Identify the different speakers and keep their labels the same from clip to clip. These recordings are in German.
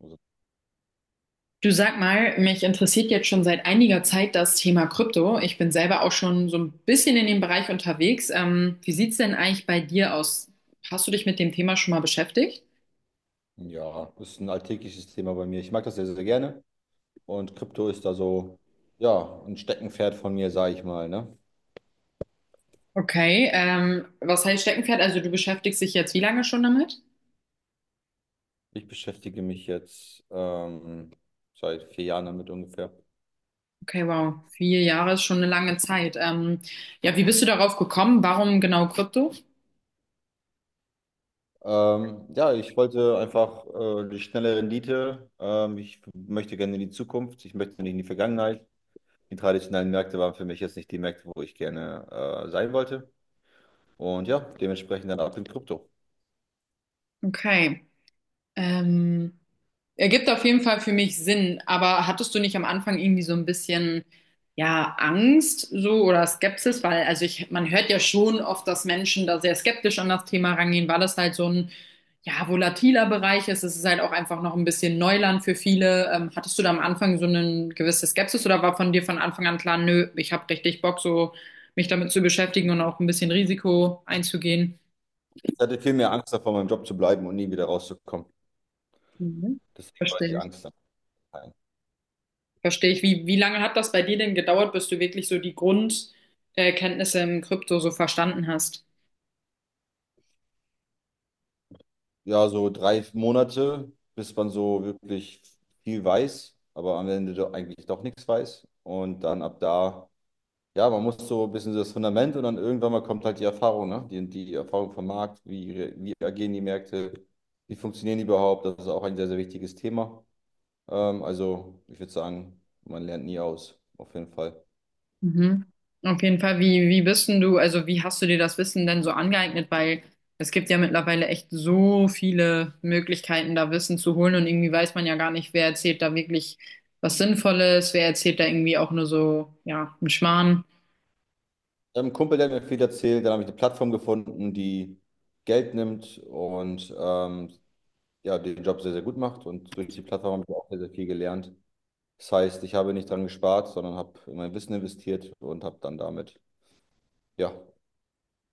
Speaker 1: Also,
Speaker 2: Du sag mal, mich interessiert jetzt schon seit einiger Zeit das Thema Krypto. Ich bin selber auch schon so ein bisschen in dem Bereich unterwegs. Wie sieht's denn eigentlich bei dir aus? Hast du dich mit dem Thema schon mal beschäftigt?
Speaker 1: ja, ist ein alltägliches Thema bei mir. Ich mag das sehr, sehr gerne. Und Krypto ist da so, ja, ein Steckenpferd von mir, sage ich mal, ne?
Speaker 2: Okay, was heißt Steckenpferd? Also du beschäftigst dich jetzt wie lange schon damit?
Speaker 1: Ich beschäftige mich jetzt seit vier Jahren damit ungefähr.
Speaker 2: Okay, wow, 4 Jahre ist schon eine lange Zeit. Ja, wie bist du darauf gekommen? Warum genau Krypto?
Speaker 1: Ja, ich wollte einfach die schnelle Rendite. Ich möchte gerne in die Zukunft. Ich möchte nicht in die Vergangenheit. Die traditionellen Märkte waren für mich jetzt nicht die Märkte, wo ich gerne sein wollte. Und ja, dementsprechend dann ab in Krypto.
Speaker 2: Okay. Ähm, ergibt auf jeden Fall für mich Sinn, aber hattest du nicht am Anfang irgendwie so ein bisschen, ja, Angst so oder Skepsis? Weil, also man hört ja schon oft, dass Menschen da sehr skeptisch an das Thema rangehen, weil das halt so ein, ja, volatiler Bereich ist. Es ist halt auch einfach noch ein bisschen Neuland für viele. Hattest du da am Anfang so eine gewisse Skepsis oder war von dir von Anfang an klar, nö, ich habe richtig Bock, so mich damit zu beschäftigen und auch ein bisschen Risiko einzugehen?
Speaker 1: Ich hatte viel mehr Angst davor, meinem Job zu bleiben und nie wieder rauszukommen.
Speaker 2: Mhm.
Speaker 1: Deswegen war die
Speaker 2: Verstehe.
Speaker 1: Angst dann klein.
Speaker 2: Verstehe ich. Wie lange hat das bei dir denn gedauert, bis du wirklich so die Grundkenntnisse Kenntnisse im Krypto so verstanden hast?
Speaker 1: Ja, so drei Monate, bis man so wirklich viel weiß, aber am Ende doch eigentlich doch nichts weiß. Und dann ab da, ja, man muss so ein bisschen so das Fundament, und dann irgendwann mal kommt halt die Erfahrung, ne? Die Erfahrung vom Markt, wie, wie agieren die Märkte, wie funktionieren die überhaupt? Das ist auch ein sehr, sehr wichtiges Thema. Also, ich würde sagen, man lernt nie aus, auf jeden Fall.
Speaker 2: Mhm. Auf jeden Fall, wie bist denn du, also wie hast du dir das Wissen denn so angeeignet? Weil es gibt ja mittlerweile echt so viele Möglichkeiten, da Wissen zu holen und irgendwie weiß man ja gar nicht, wer erzählt da wirklich was Sinnvolles, wer erzählt da irgendwie auch nur so, ja, einen Schmarrn.
Speaker 1: Ich habe einen Kumpel, der hat mir viel erzählt, dann habe ich eine Plattform gefunden, die Geld nimmt und ja, den Job sehr, sehr gut macht, und durch die Plattform habe ich auch sehr, sehr viel gelernt. Das heißt, ich habe nicht dran gespart, sondern habe in mein Wissen investiert und habe dann damit, ja,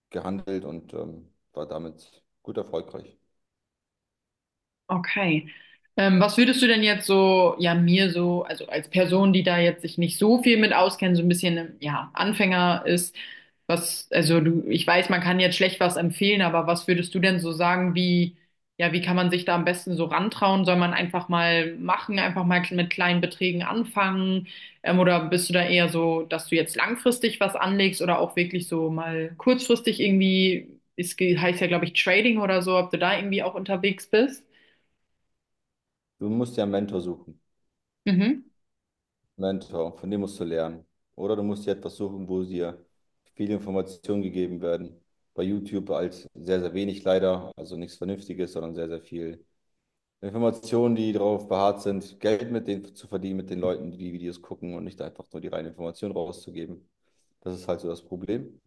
Speaker 1: gehandelt und war damit gut erfolgreich.
Speaker 2: Okay. Was würdest du denn jetzt so, ja, mir so, also als Person, die da jetzt sich nicht so viel mit auskennt, so ein bisschen, ja, Anfänger ist, also du, ich weiß, man kann jetzt schlecht was empfehlen, aber was würdest du denn so sagen, wie, ja, wie kann man sich da am besten so rantrauen? Soll man einfach mal machen, einfach mal mit kleinen Beträgen anfangen? Oder bist du da eher so, dass du jetzt langfristig was anlegst oder auch wirklich so mal kurzfristig irgendwie, heißt ja, glaube ich, Trading oder so, ob du da irgendwie auch unterwegs bist?
Speaker 1: Du musst dir einen Mentor suchen.
Speaker 2: Mhm.
Speaker 1: Mentor, von dem musst du lernen. Oder du musst dir etwas suchen, wo dir viele Informationen gegeben werden. Bei YouTube als sehr, sehr wenig leider, also nichts Vernünftiges, sondern sehr, sehr viel Informationen, die darauf beharrt sind, Geld mit denen zu verdienen, mit den Leuten, die die Videos gucken, und nicht einfach nur die reine Information rauszugeben. Das ist halt so das Problem.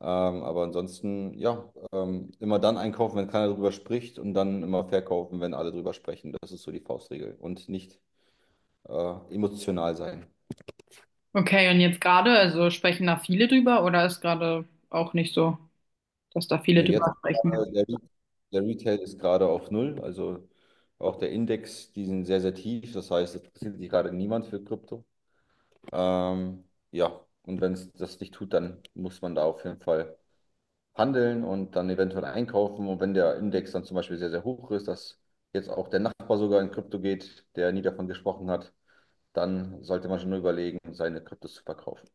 Speaker 1: Aber ansonsten, ja, immer dann einkaufen, wenn keiner drüber spricht, und dann immer verkaufen, wenn alle drüber sprechen. Das ist so die Faustregel, und nicht emotional sein.
Speaker 2: Okay, und jetzt gerade, also sprechen da viele drüber oder ist gerade auch nicht so, dass da viele
Speaker 1: Ne, jetzt
Speaker 2: drüber sprechen?
Speaker 1: der, der Retail ist gerade auf Null, also auch der Index, die sind sehr, sehr tief. Das heißt, es interessiert sich gerade niemand für Krypto. Ähm, ja, und wenn es das nicht tut, dann muss man da auf jeden Fall handeln und dann eventuell einkaufen. Und wenn der Index dann zum Beispiel sehr, sehr hoch ist, dass jetzt auch der Nachbar sogar in Krypto geht, der nie davon gesprochen hat, dann sollte man schon überlegen, seine Kryptos zu verkaufen.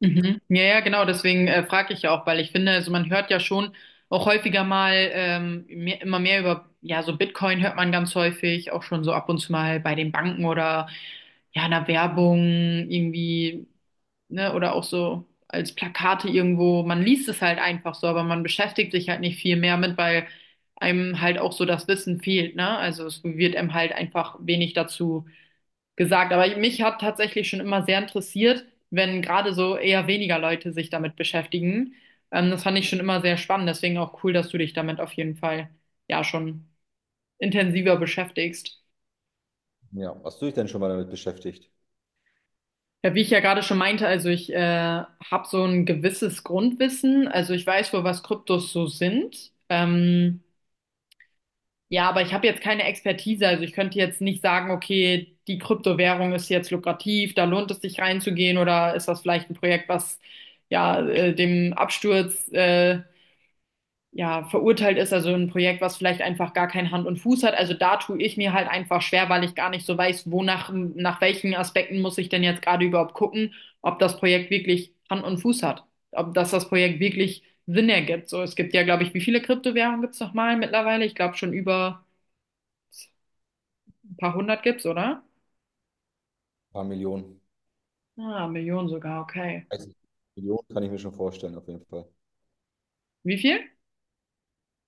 Speaker 2: Mhm. Ja, ja, genau, deswegen frage ich ja auch, weil ich finde, also man hört ja schon auch häufiger mal immer mehr über, ja, so Bitcoin hört man ganz häufig, auch schon so ab und zu mal bei den Banken oder ja, in der Werbung irgendwie ne, oder auch so als Plakate irgendwo, man liest es halt einfach so, aber man beschäftigt sich halt nicht viel mehr mit, weil einem halt auch so das Wissen fehlt, ne? Also es wird einem halt einfach wenig dazu gesagt. Aber mich hat tatsächlich schon immer sehr interessiert, wenn gerade so eher weniger Leute sich damit beschäftigen. Das fand ich schon immer sehr spannend, deswegen auch cool, dass du dich damit auf jeden Fall ja schon intensiver beschäftigst.
Speaker 1: Ja, hast du dich denn schon mal damit beschäftigt?
Speaker 2: Ja, wie ich ja gerade schon meinte, also ich habe so ein gewisses Grundwissen. Also ich weiß wohl, was Kryptos so sind. Ja, aber ich habe jetzt keine Expertise. Also ich könnte jetzt nicht sagen, okay, die Kryptowährung ist jetzt lukrativ, da lohnt es sich reinzugehen oder ist das vielleicht ein Projekt, was ja dem Absturz ja, verurteilt ist, also ein Projekt, was vielleicht einfach gar kein Hand und Fuß hat. Also da tue ich mir halt einfach schwer, weil ich gar nicht so weiß, nach welchen Aspekten muss ich denn jetzt gerade überhaupt gucken, ob das Projekt wirklich Hand und Fuß hat, ob das Projekt wirklich Sinn ergibt. So, es gibt ja, glaube ich, wie viele Kryptowährungen gibt's nochmal mittlerweile? Ich glaube schon über ein paar hundert gibt's, oder?
Speaker 1: Ein paar Millionen.
Speaker 2: Ah, Millionen sogar, okay.
Speaker 1: 30 Millionen kann ich mir schon vorstellen, auf jeden Fall.
Speaker 2: Wie viel?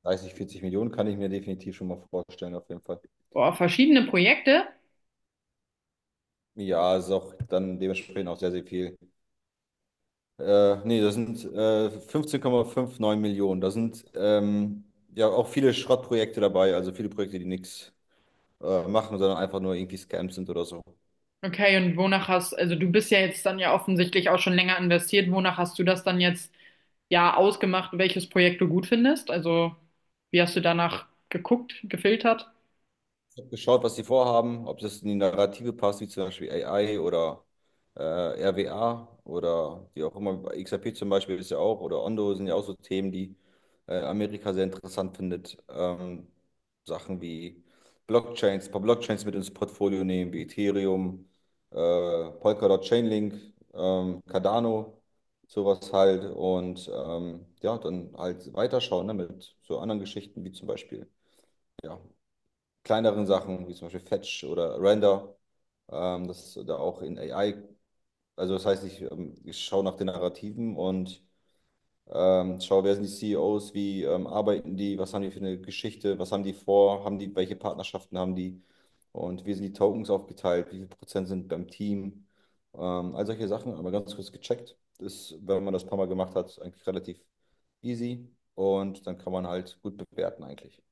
Speaker 1: 30, 40 Millionen kann ich mir definitiv schon mal vorstellen, auf jeden Fall.
Speaker 2: Boah, verschiedene Projekte.
Speaker 1: Ja, es ist auch dann dementsprechend auch sehr, sehr viel. Nee, das sind 15,59 Millionen. Da sind ja auch viele Schrottprojekte dabei, also viele Projekte, die nichts machen, sondern einfach nur irgendwie Scams sind oder so.
Speaker 2: Okay, also du bist ja jetzt dann ja offensichtlich auch schon länger investiert. Wonach hast du das dann jetzt ja ausgemacht, welches Projekt du gut findest? Also, wie hast du danach geguckt, gefiltert?
Speaker 1: Habe geschaut, was sie vorhaben, ob das in die Narrative passt, wie zum Beispiel AI oder RWA oder die auch immer. XRP zum Beispiel ist ja auch, oder Ondo, sind ja auch so Themen, die Amerika sehr interessant findet. Sachen wie Blockchains, ein paar Blockchains mit ins Portfolio nehmen, wie Ethereum, äh, Polkadot, Chainlink, Cardano, sowas halt. Und ja, dann halt weiterschauen, ne, mit so anderen Geschichten wie zum Beispiel, ja, kleineren Sachen, wie zum Beispiel Fetch oder Render, das ist da auch in AI, also das heißt, ich schaue nach den Narrativen und schaue, wer sind die CEOs, wie arbeiten die, was haben die für eine Geschichte, was haben die vor, haben die, welche Partnerschaften haben die, und wie sind die Tokens aufgeteilt, wie viel Prozent sind beim Team, all solche Sachen, aber ganz kurz gecheckt. Ist, wenn man das ein paar Mal gemacht hat, eigentlich relativ easy, und dann kann man halt gut bewerten eigentlich.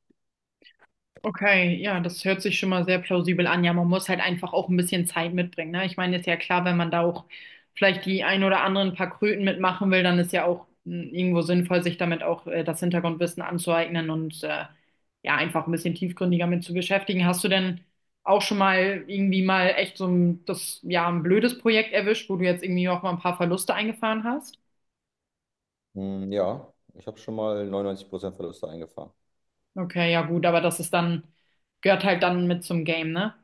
Speaker 2: Okay, ja, das hört sich schon mal sehr plausibel an. Ja, man muss halt einfach auch ein bisschen Zeit mitbringen, ne? Ich meine, ist ja klar, wenn man da auch vielleicht die ein oder anderen paar Kröten mitmachen will, dann ist ja auch mh, irgendwo sinnvoll, sich damit auch das Hintergrundwissen anzueignen und ja, einfach ein bisschen tiefgründiger mit zu beschäftigen. Hast du denn auch schon mal irgendwie mal echt ja, ein blödes Projekt erwischt, wo du jetzt irgendwie auch mal ein paar Verluste eingefahren hast?
Speaker 1: Hm, ja, ich habe schon mal 99% Verluste eingefahren.
Speaker 2: Okay, ja gut, aber das ist dann, gehört halt dann mit zum Game, ne?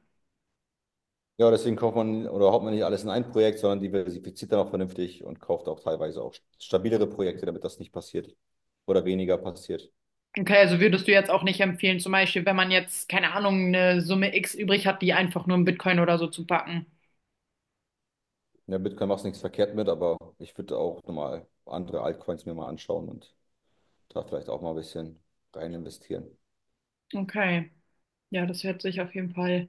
Speaker 1: Ja, deswegen kauft man oder haut man nicht alles in ein Projekt, sondern diversifiziert dann auch vernünftig und kauft auch teilweise auch stabilere Projekte, damit das nicht passiert oder weniger passiert.
Speaker 2: Okay, also würdest du jetzt auch nicht empfehlen, zum Beispiel, wenn man jetzt, keine Ahnung, eine Summe X übrig hat, die einfach nur in Bitcoin oder so zu packen.
Speaker 1: Ja, Bitcoin machst nichts verkehrt mit, aber ich würde auch nochmal andere Altcoins mir mal anschauen und da vielleicht auch mal ein bisschen rein investieren.
Speaker 2: Okay, ja, das hört sich auf jeden Fall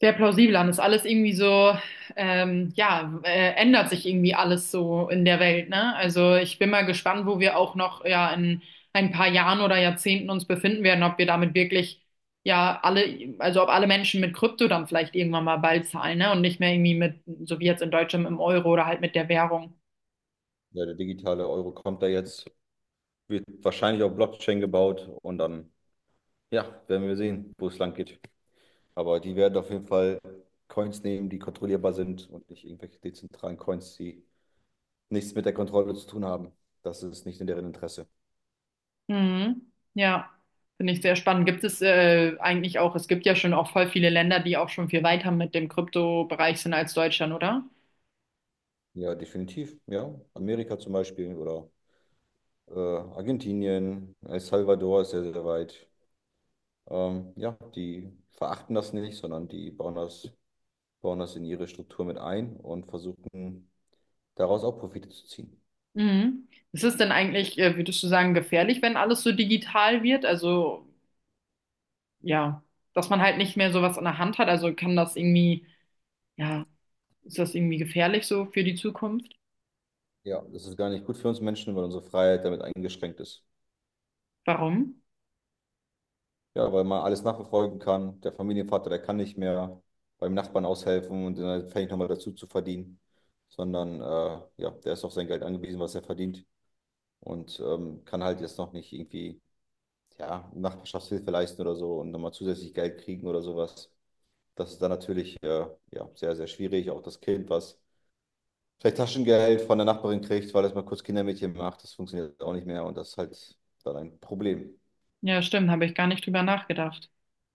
Speaker 2: sehr plausibel an. Ist alles irgendwie so, ja, ändert sich irgendwie alles so in der Welt, ne? Also ich bin mal gespannt, wo wir auch noch, ja, in ein paar Jahren oder Jahrzehnten uns befinden werden, ob wir damit wirklich, ja, also ob alle Menschen mit Krypto dann vielleicht irgendwann mal bald zahlen, ne? Und nicht mehr irgendwie mit, so wie jetzt in Deutschland, im Euro oder halt mit der Währung.
Speaker 1: Ja, der digitale Euro kommt da jetzt, wird wahrscheinlich auf Blockchain gebaut, und dann, ja, werden wir sehen, wo es lang geht. Aber die werden auf jeden Fall Coins nehmen, die kontrollierbar sind, und nicht irgendwelche dezentralen Coins, die nichts mit der Kontrolle zu tun haben. Das ist nicht in deren Interesse.
Speaker 2: Mhm. Ja, finde ich sehr spannend. Gibt es eigentlich auch, es gibt ja schon auch voll viele Länder, die auch schon viel weiter mit dem Kryptobereich sind als Deutschland, oder?
Speaker 1: Ja, definitiv. Ja, Amerika zum Beispiel oder äh, Argentinien, El Salvador ist sehr, sehr weit. Ja, die verachten das nicht, sondern die bauen das in ihre Struktur mit ein und versuchen, daraus auch Profite zu ziehen.
Speaker 2: Mhm. Ist es denn eigentlich, würdest du sagen, gefährlich, wenn alles so digital wird? Also, ja, dass man halt nicht mehr sowas in der Hand hat. Also kann das irgendwie, ja, ist das irgendwie gefährlich so für die Zukunft?
Speaker 1: Ja, das ist gar nicht gut für uns Menschen, weil unsere Freiheit damit eingeschränkt ist.
Speaker 2: Warum?
Speaker 1: Ja, weil man alles nachverfolgen kann. Der Familienvater, der kann nicht mehr beim Nachbarn aushelfen und dann fängt nochmal dazu zu verdienen, sondern ja, der ist auf sein Geld angewiesen, was er verdient, und kann halt jetzt noch nicht irgendwie, ja, Nachbarschaftshilfe leisten oder so und nochmal zusätzlich Geld kriegen oder sowas. Das ist dann natürlich ja, sehr, sehr schwierig. Auch das Kind, was vielleicht Taschengeld von der Nachbarin kriegt, weil es mal kurz Kindermädchen macht, das funktioniert auch nicht mehr, und das ist halt dann ein Problem.
Speaker 2: Ja, stimmt, habe ich gar nicht drüber nachgedacht.